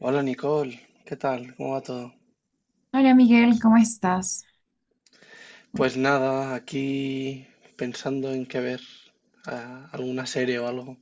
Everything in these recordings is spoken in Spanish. Hola Nicole, ¿qué tal? ¿Cómo va todo? Hola Miguel, ¿cómo estás? Uy. Pues nada, aquí pensando en qué ver, alguna serie o algo.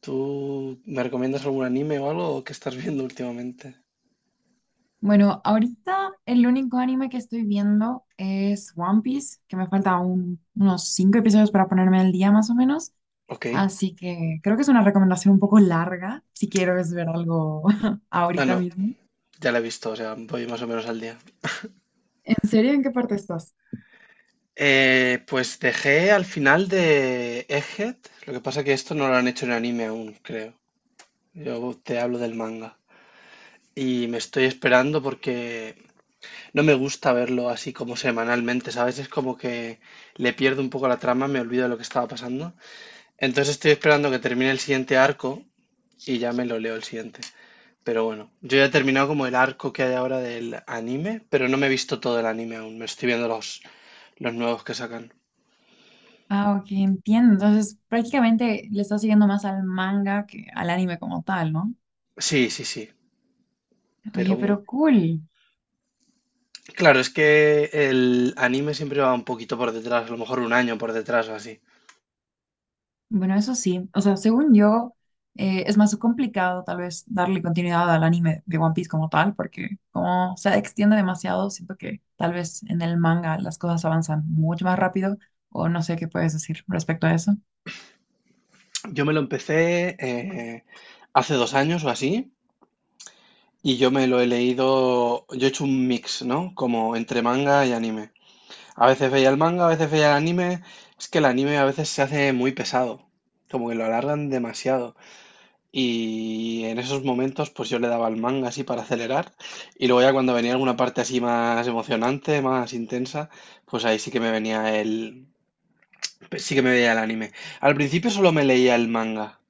¿Tú me recomiendas algún anime o algo que estás viendo últimamente? Bueno, ahorita el único anime que estoy viendo es One Piece, que me falta unos 5 episodios para ponerme al día más o menos, Ok. así que creo que es una recomendación un poco larga si quiero es ver algo Ah, ahorita no, mismo. ya la he visto, o sea, voy más o menos al día. ¿En serio? ¿En qué parte estás? Pues dejé al final de Egghead, lo que pasa que esto no lo han hecho en anime aún, creo. Yo te hablo del manga. Y me estoy esperando porque no me gusta verlo así como semanalmente, ¿sabes? Es como que le pierdo un poco la trama, me olvido de lo que estaba pasando. Entonces estoy esperando que termine el siguiente arco y ya me lo leo el siguiente. Pero bueno, yo ya he terminado como el arco que hay ahora del anime, pero no me he visto todo el anime aún, me estoy viendo los nuevos que sacan. Ah, ok, entiendo. Entonces prácticamente le estás siguiendo más al manga que al anime como tal, ¿no? Sí, sí, sí, Oye, pero pero cool. claro, es que el anime siempre va un poquito por detrás, a lo mejor un año por detrás o así. Bueno, eso sí, o sea, según yo, es más complicado tal vez darle continuidad al anime de One Piece como tal, porque como se extiende demasiado, siento que tal vez en el manga las cosas avanzan mucho más rápido, o no sé qué puedes decir respecto a eso. Yo me lo empecé hace 2 años o así. Y yo me lo he leído, yo he hecho un mix, ¿no? Como entre manga y anime. A veces veía el manga, a veces veía el anime. Es que el anime a veces se hace muy pesado, como que lo alargan demasiado. Y en esos momentos pues yo le daba al manga así para acelerar y luego ya cuando venía alguna parte así más emocionante, más intensa, pues ahí sí que sí que me veía el anime. Al principio solo me leía el manga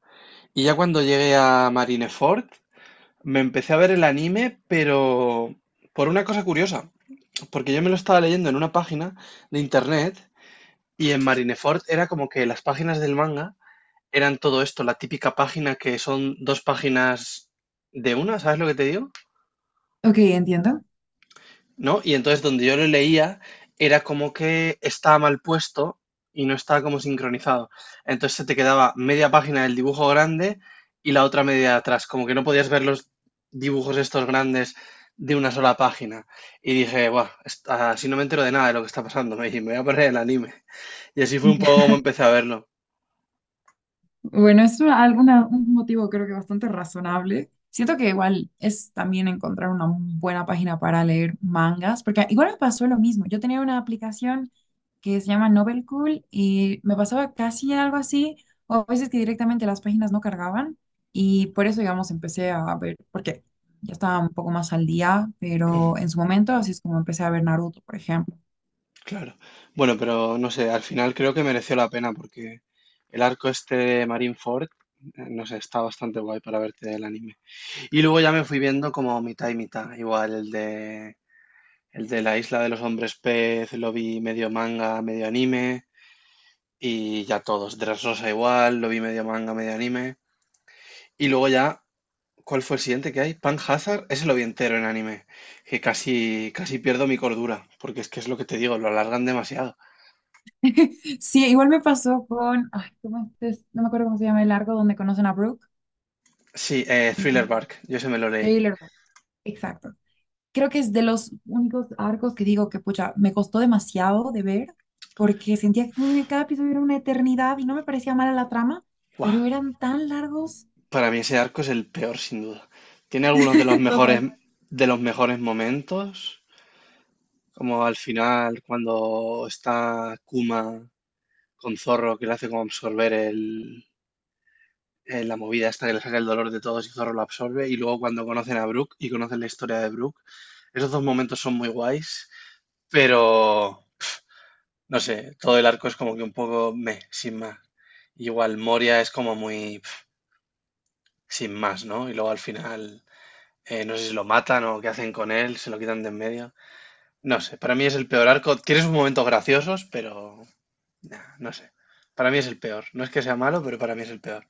y ya cuando llegué a Marineford me empecé a ver el anime, pero por una cosa curiosa, porque yo me lo estaba leyendo en una página de internet y en Marineford era como que las páginas del manga eran todo esto, la típica página que son dos páginas de una, ¿sabes lo que te digo? Ok, entiendo. ¿No? Y entonces donde yo lo leía era como que estaba mal puesto y no estaba como sincronizado. Entonces se te quedaba media página del dibujo grande y la otra media de atrás, como que no podías ver los dibujos estos grandes de una sola página. Y dije, buah, así no me entero de nada de lo que está pasando, me dije, me voy a perder el anime. Y así fue un poco como empecé a verlo. Bueno, un motivo creo que bastante razonable. Siento que igual es también encontrar una buena página para leer mangas, porque igual me pasó lo mismo. Yo tenía una aplicación que se llama Novel Cool y me pasaba casi algo así, o a veces que directamente las páginas no cargaban y por eso, digamos, empecé a ver, porque ya estaba un poco más al día, Ujú, pero en su momento así es como empecé a ver Naruto, por ejemplo. claro. Bueno, pero no sé, al final creo que mereció la pena porque el arco este de Marineford, no sé, está bastante guay para verte el anime. Y luego ya me fui viendo como mitad y mitad. Igual el de la isla de los hombres pez lo vi medio manga, medio anime. Y ya todos. Dressrosa igual, lo vi medio manga, medio anime. Y luego ya, ¿cuál fue el siguiente que hay? Pan Hazard, ese lo vi entero en anime. Que casi, casi pierdo mi cordura. Porque es que es lo que te digo, lo alargan demasiado. Sí, igual me pasó con, ay, ¿cómo es? No me acuerdo cómo se llama el arco donde conocen a Brook. Sí, Thriller Mm, Bark, yo se me lo leí. Thriller, exacto. Creo que es de los únicos arcos que digo que, pucha, me costó demasiado de ver, porque sentía que en cada episodio era una eternidad y no me parecía mala la trama, Guau, pero eran tan largos. para mí ese arco es el peor, sin duda. Tiene algunos Total. de los mejores momentos. Como al final, cuando está Kuma con Zorro, que le hace como absorber la movida esta que le saca el dolor de todos y Zorro lo absorbe. Y luego cuando conocen a Brook y conocen la historia de Brook, esos dos momentos son muy guays, pero no sé, todo el arco es como que un poco meh, sin más. Igual Moria es como muy pf, sin más, ¿no? Y luego al final, no sé si lo matan o qué hacen con él, se lo quitan de en medio. No sé, para mí es el peor arco. Tiene sus momentos graciosos, pero nah, no sé. Para mí es el peor. No es que sea malo, pero para mí es el peor.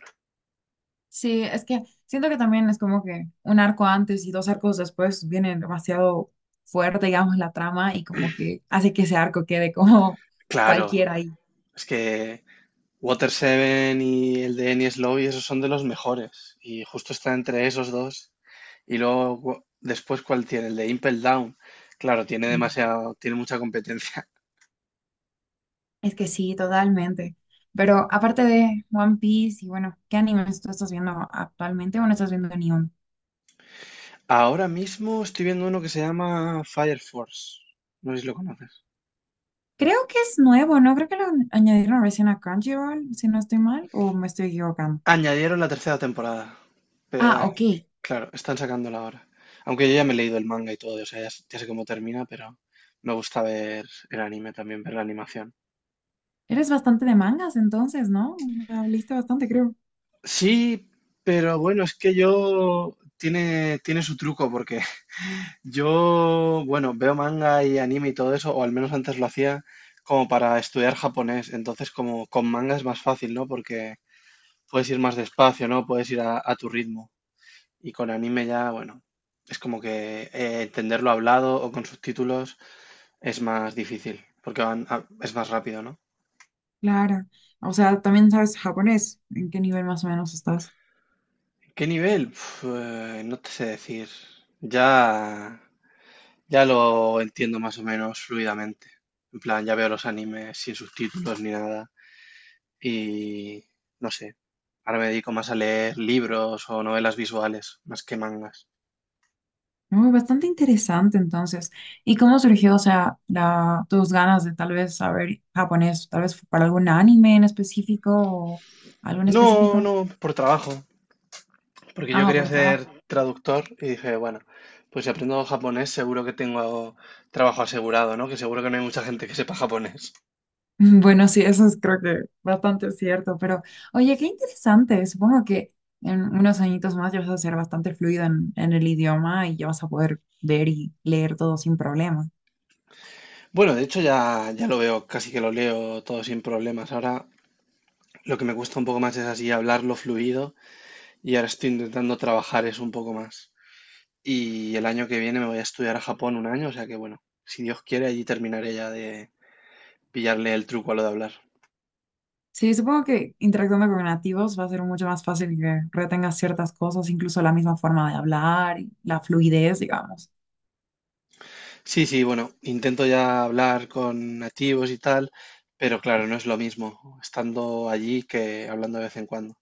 Sí, es que siento que también es como que un arco antes y 2 arcos después vienen demasiado fuerte, digamos, la trama y como que hace que ese arco quede como Claro, cualquiera ahí. es que Water Seven y el de Enies Lobby, esos son de los mejores. Y justo está entre esos dos. Y luego, después, ¿cuál tiene? El de Impel Down. Claro, tiene demasiado, tiene mucha competencia. Es que sí, totalmente. Pero aparte de One Piece y bueno, ¿qué animes tú estás viendo actualmente o no estás viendo ni uno? Ahora mismo estoy viendo uno que se llama Fire Force. No sé si lo conoces. Creo que es nuevo, ¿no? Creo que lo añadieron recién a Crunchyroll, si no estoy mal, o me estoy equivocando. Añadieron la tercera temporada. Pe- Ah, ah, ok. claro, están sacándola ahora. Aunque yo ya me he leído el manga y todo, o sea, ya, ya sé cómo termina, pero me gusta ver el anime también, ver la animación. Eres bastante de mangas entonces, ¿no? O bastante, creo. Sí, pero bueno, es que yo tiene su truco, porque yo, bueno, veo manga y anime y todo eso, o al menos antes lo hacía como para estudiar japonés. Entonces, como con manga es más fácil, ¿no? Porque puedes ir más despacio, ¿no? Puedes ir a tu ritmo. Y con anime ya, bueno, es como que entenderlo hablado o con subtítulos es más difícil, porque es más rápido, ¿no? Claro. O sea, también sabes japonés. ¿En qué nivel más o menos estás? ¿Qué nivel? No te sé decir. Ya, ya lo entiendo más o menos fluidamente. En plan, ya veo los animes sin subtítulos ni nada. Y no sé. Ahora me dedico más a leer libros o novelas visuales, más que mangas. No, bastante interesante entonces. ¿Y cómo surgió, o sea, la, tus ganas de tal vez saber japonés? ¿Tal vez fue para algún anime en específico o algo en No, específico? no, por trabajo. Porque yo Ah, quería por ser trabajo. traductor y dije, bueno, pues si aprendo japonés seguro que tengo trabajo asegurado, ¿no? Que seguro que no hay mucha gente que sepa japonés. Bueno, sí, eso es creo que bastante cierto, pero oye, qué interesante. Supongo que en unos añitos más ya vas a ser bastante fluido en el idioma y ya vas a poder ver y leer todo sin problemas. Bueno, de hecho ya, ya lo veo, casi que lo leo todo sin problemas. Ahora lo que me cuesta un poco más es así hablarlo fluido y ahora estoy intentando trabajar eso un poco más. Y el año que viene me voy a estudiar a Japón un año, o sea que bueno, si Dios quiere allí terminaré ya de pillarle el truco a lo de hablar. Sí, supongo que interactuando con nativos va a ser mucho más fácil que retengas ciertas cosas, incluso la misma forma de hablar y la fluidez, digamos. Sí, sí, bueno, intento ya hablar con nativos y tal, pero claro, no es lo mismo estando allí que hablando de vez en cuando.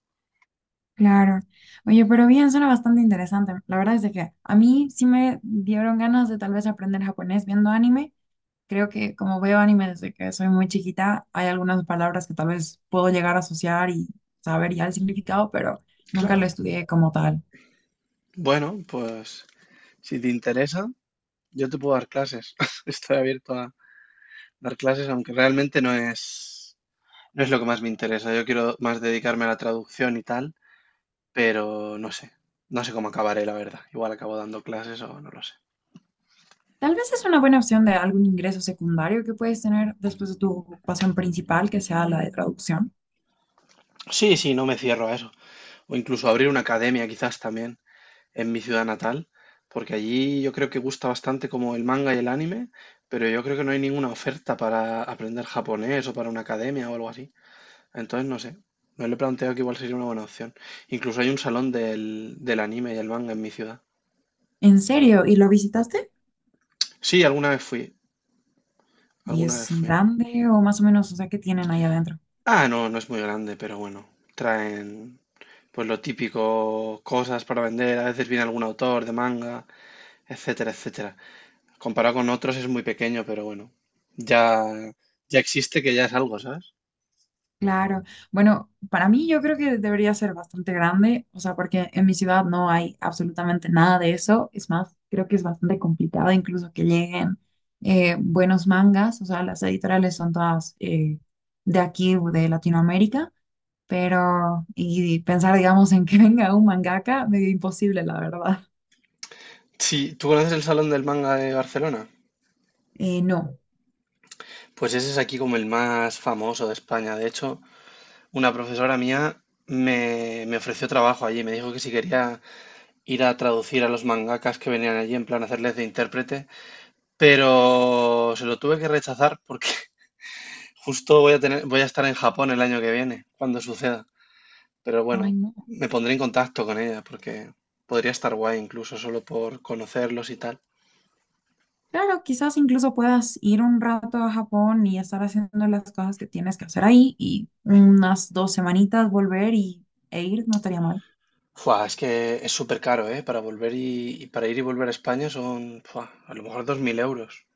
Claro. Oye, pero bien, suena bastante interesante. La verdad es de que a mí sí me dieron ganas de tal vez aprender japonés viendo anime. Creo que como veo anime desde que soy muy chiquita, hay algunas palabras que tal vez puedo llegar a asociar y saber ya el significado, pero nunca Claro. lo estudié como tal. Bueno, pues si te interesa, yo te puedo dar clases. Estoy abierto a dar clases, aunque realmente no es lo que más me interesa. Yo quiero más dedicarme a la traducción y tal, pero no sé. No sé cómo acabaré, la verdad. Igual acabo dando clases o no lo sé. Tal vez es una buena opción de algún ingreso secundario que puedes tener después de tu ocupación principal, que sea la de traducción. Sí, sí, no me cierro a eso. O incluso abrir una academia quizás también. En mi ciudad natal, porque allí yo creo que gusta bastante como el manga y el anime, pero yo creo que no hay ninguna oferta para aprender japonés o para una academia o algo así. Entonces, no sé, me lo he planteado que igual sería una buena opción. Incluso hay un salón del anime y el manga en mi ciudad. ¿En serio? ¿Y lo visitaste? Sí, alguna vez fui, ¿Y alguna es vez fui. grande o más o menos, o sea, qué tienen ahí adentro? Ah, no, no es muy grande, pero bueno, traen pues lo típico, cosas para vender, a veces viene algún autor de manga, etcétera, etcétera. Comparado con otros es muy pequeño, pero bueno, ya, ya existe que ya es algo, ¿sabes? Claro. Bueno, para mí yo creo que debería ser bastante grande, o sea, porque en mi ciudad no hay absolutamente nada de eso. Es más, creo que es bastante complicado incluso que lleguen buenos mangas, o sea, las editoriales son todas de aquí, de Latinoamérica, pero y pensar, digamos, en que venga un mangaka, medio imposible, la verdad. Sí, ¿tú conoces el Salón del Manga de Barcelona? No. Pues ese es aquí como el más famoso de España. De hecho, una profesora mía me ofreció trabajo allí, me dijo que si quería ir a traducir a los mangakas que venían allí, en plan hacerles de intérprete, pero se lo tuve que rechazar porque justo voy a estar en Japón el año que viene, cuando suceda. Pero Ay, bueno, no. me pondré en contacto con ella porque podría estar guay incluso solo por conocerlos y tal. Claro, quizás incluso puedas ir un rato a Japón y estar haciendo las cosas que tienes que hacer ahí y unas 2 semanitas volver y, e ir, no estaría mal. Fua, es que es súper caro, ¿eh? Para volver y para ir y volver a España son, fua, a lo mejor 2.000 euros.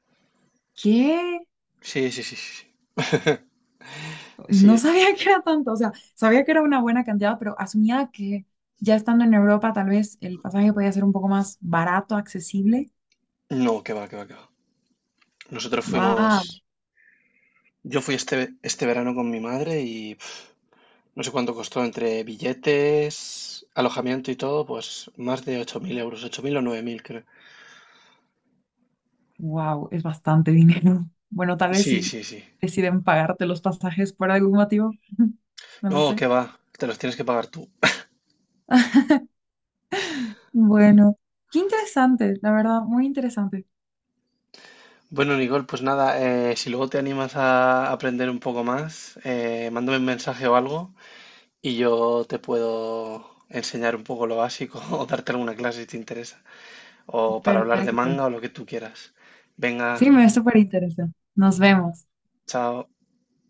¿Qué? Sí, sí, sí, sí. Sí, No sí, sabía que era tanto, o sea, sabía que era una buena cantidad, pero asumía que ya estando en Europa tal vez el pasaje podía ser un poco más barato, accesible. no, que va, que va, que va. Nosotros fuimos, Wow, yo fui este verano con mi madre y no sé cuánto costó entre billetes, alojamiento y todo, pues más de 8.000 euros, 8.000 o 9.000, creo. wow, es bastante dinero. Bueno, tal vez Sí, si sí, sí. deciden pagarte los pasajes por algún motivo, no lo No, sé. que va, te los tienes que pagar tú. Bueno, qué interesante, la verdad, muy interesante. Bueno, Nicole, pues nada, si luego te animas a aprender un poco más, mándame un mensaje o algo y yo te puedo enseñar un poco lo básico o darte alguna clase si te interesa, o para hablar de Perfecto. manga o lo que tú quieras. Venga, Sí, me súper interesa. Nos vemos. chao.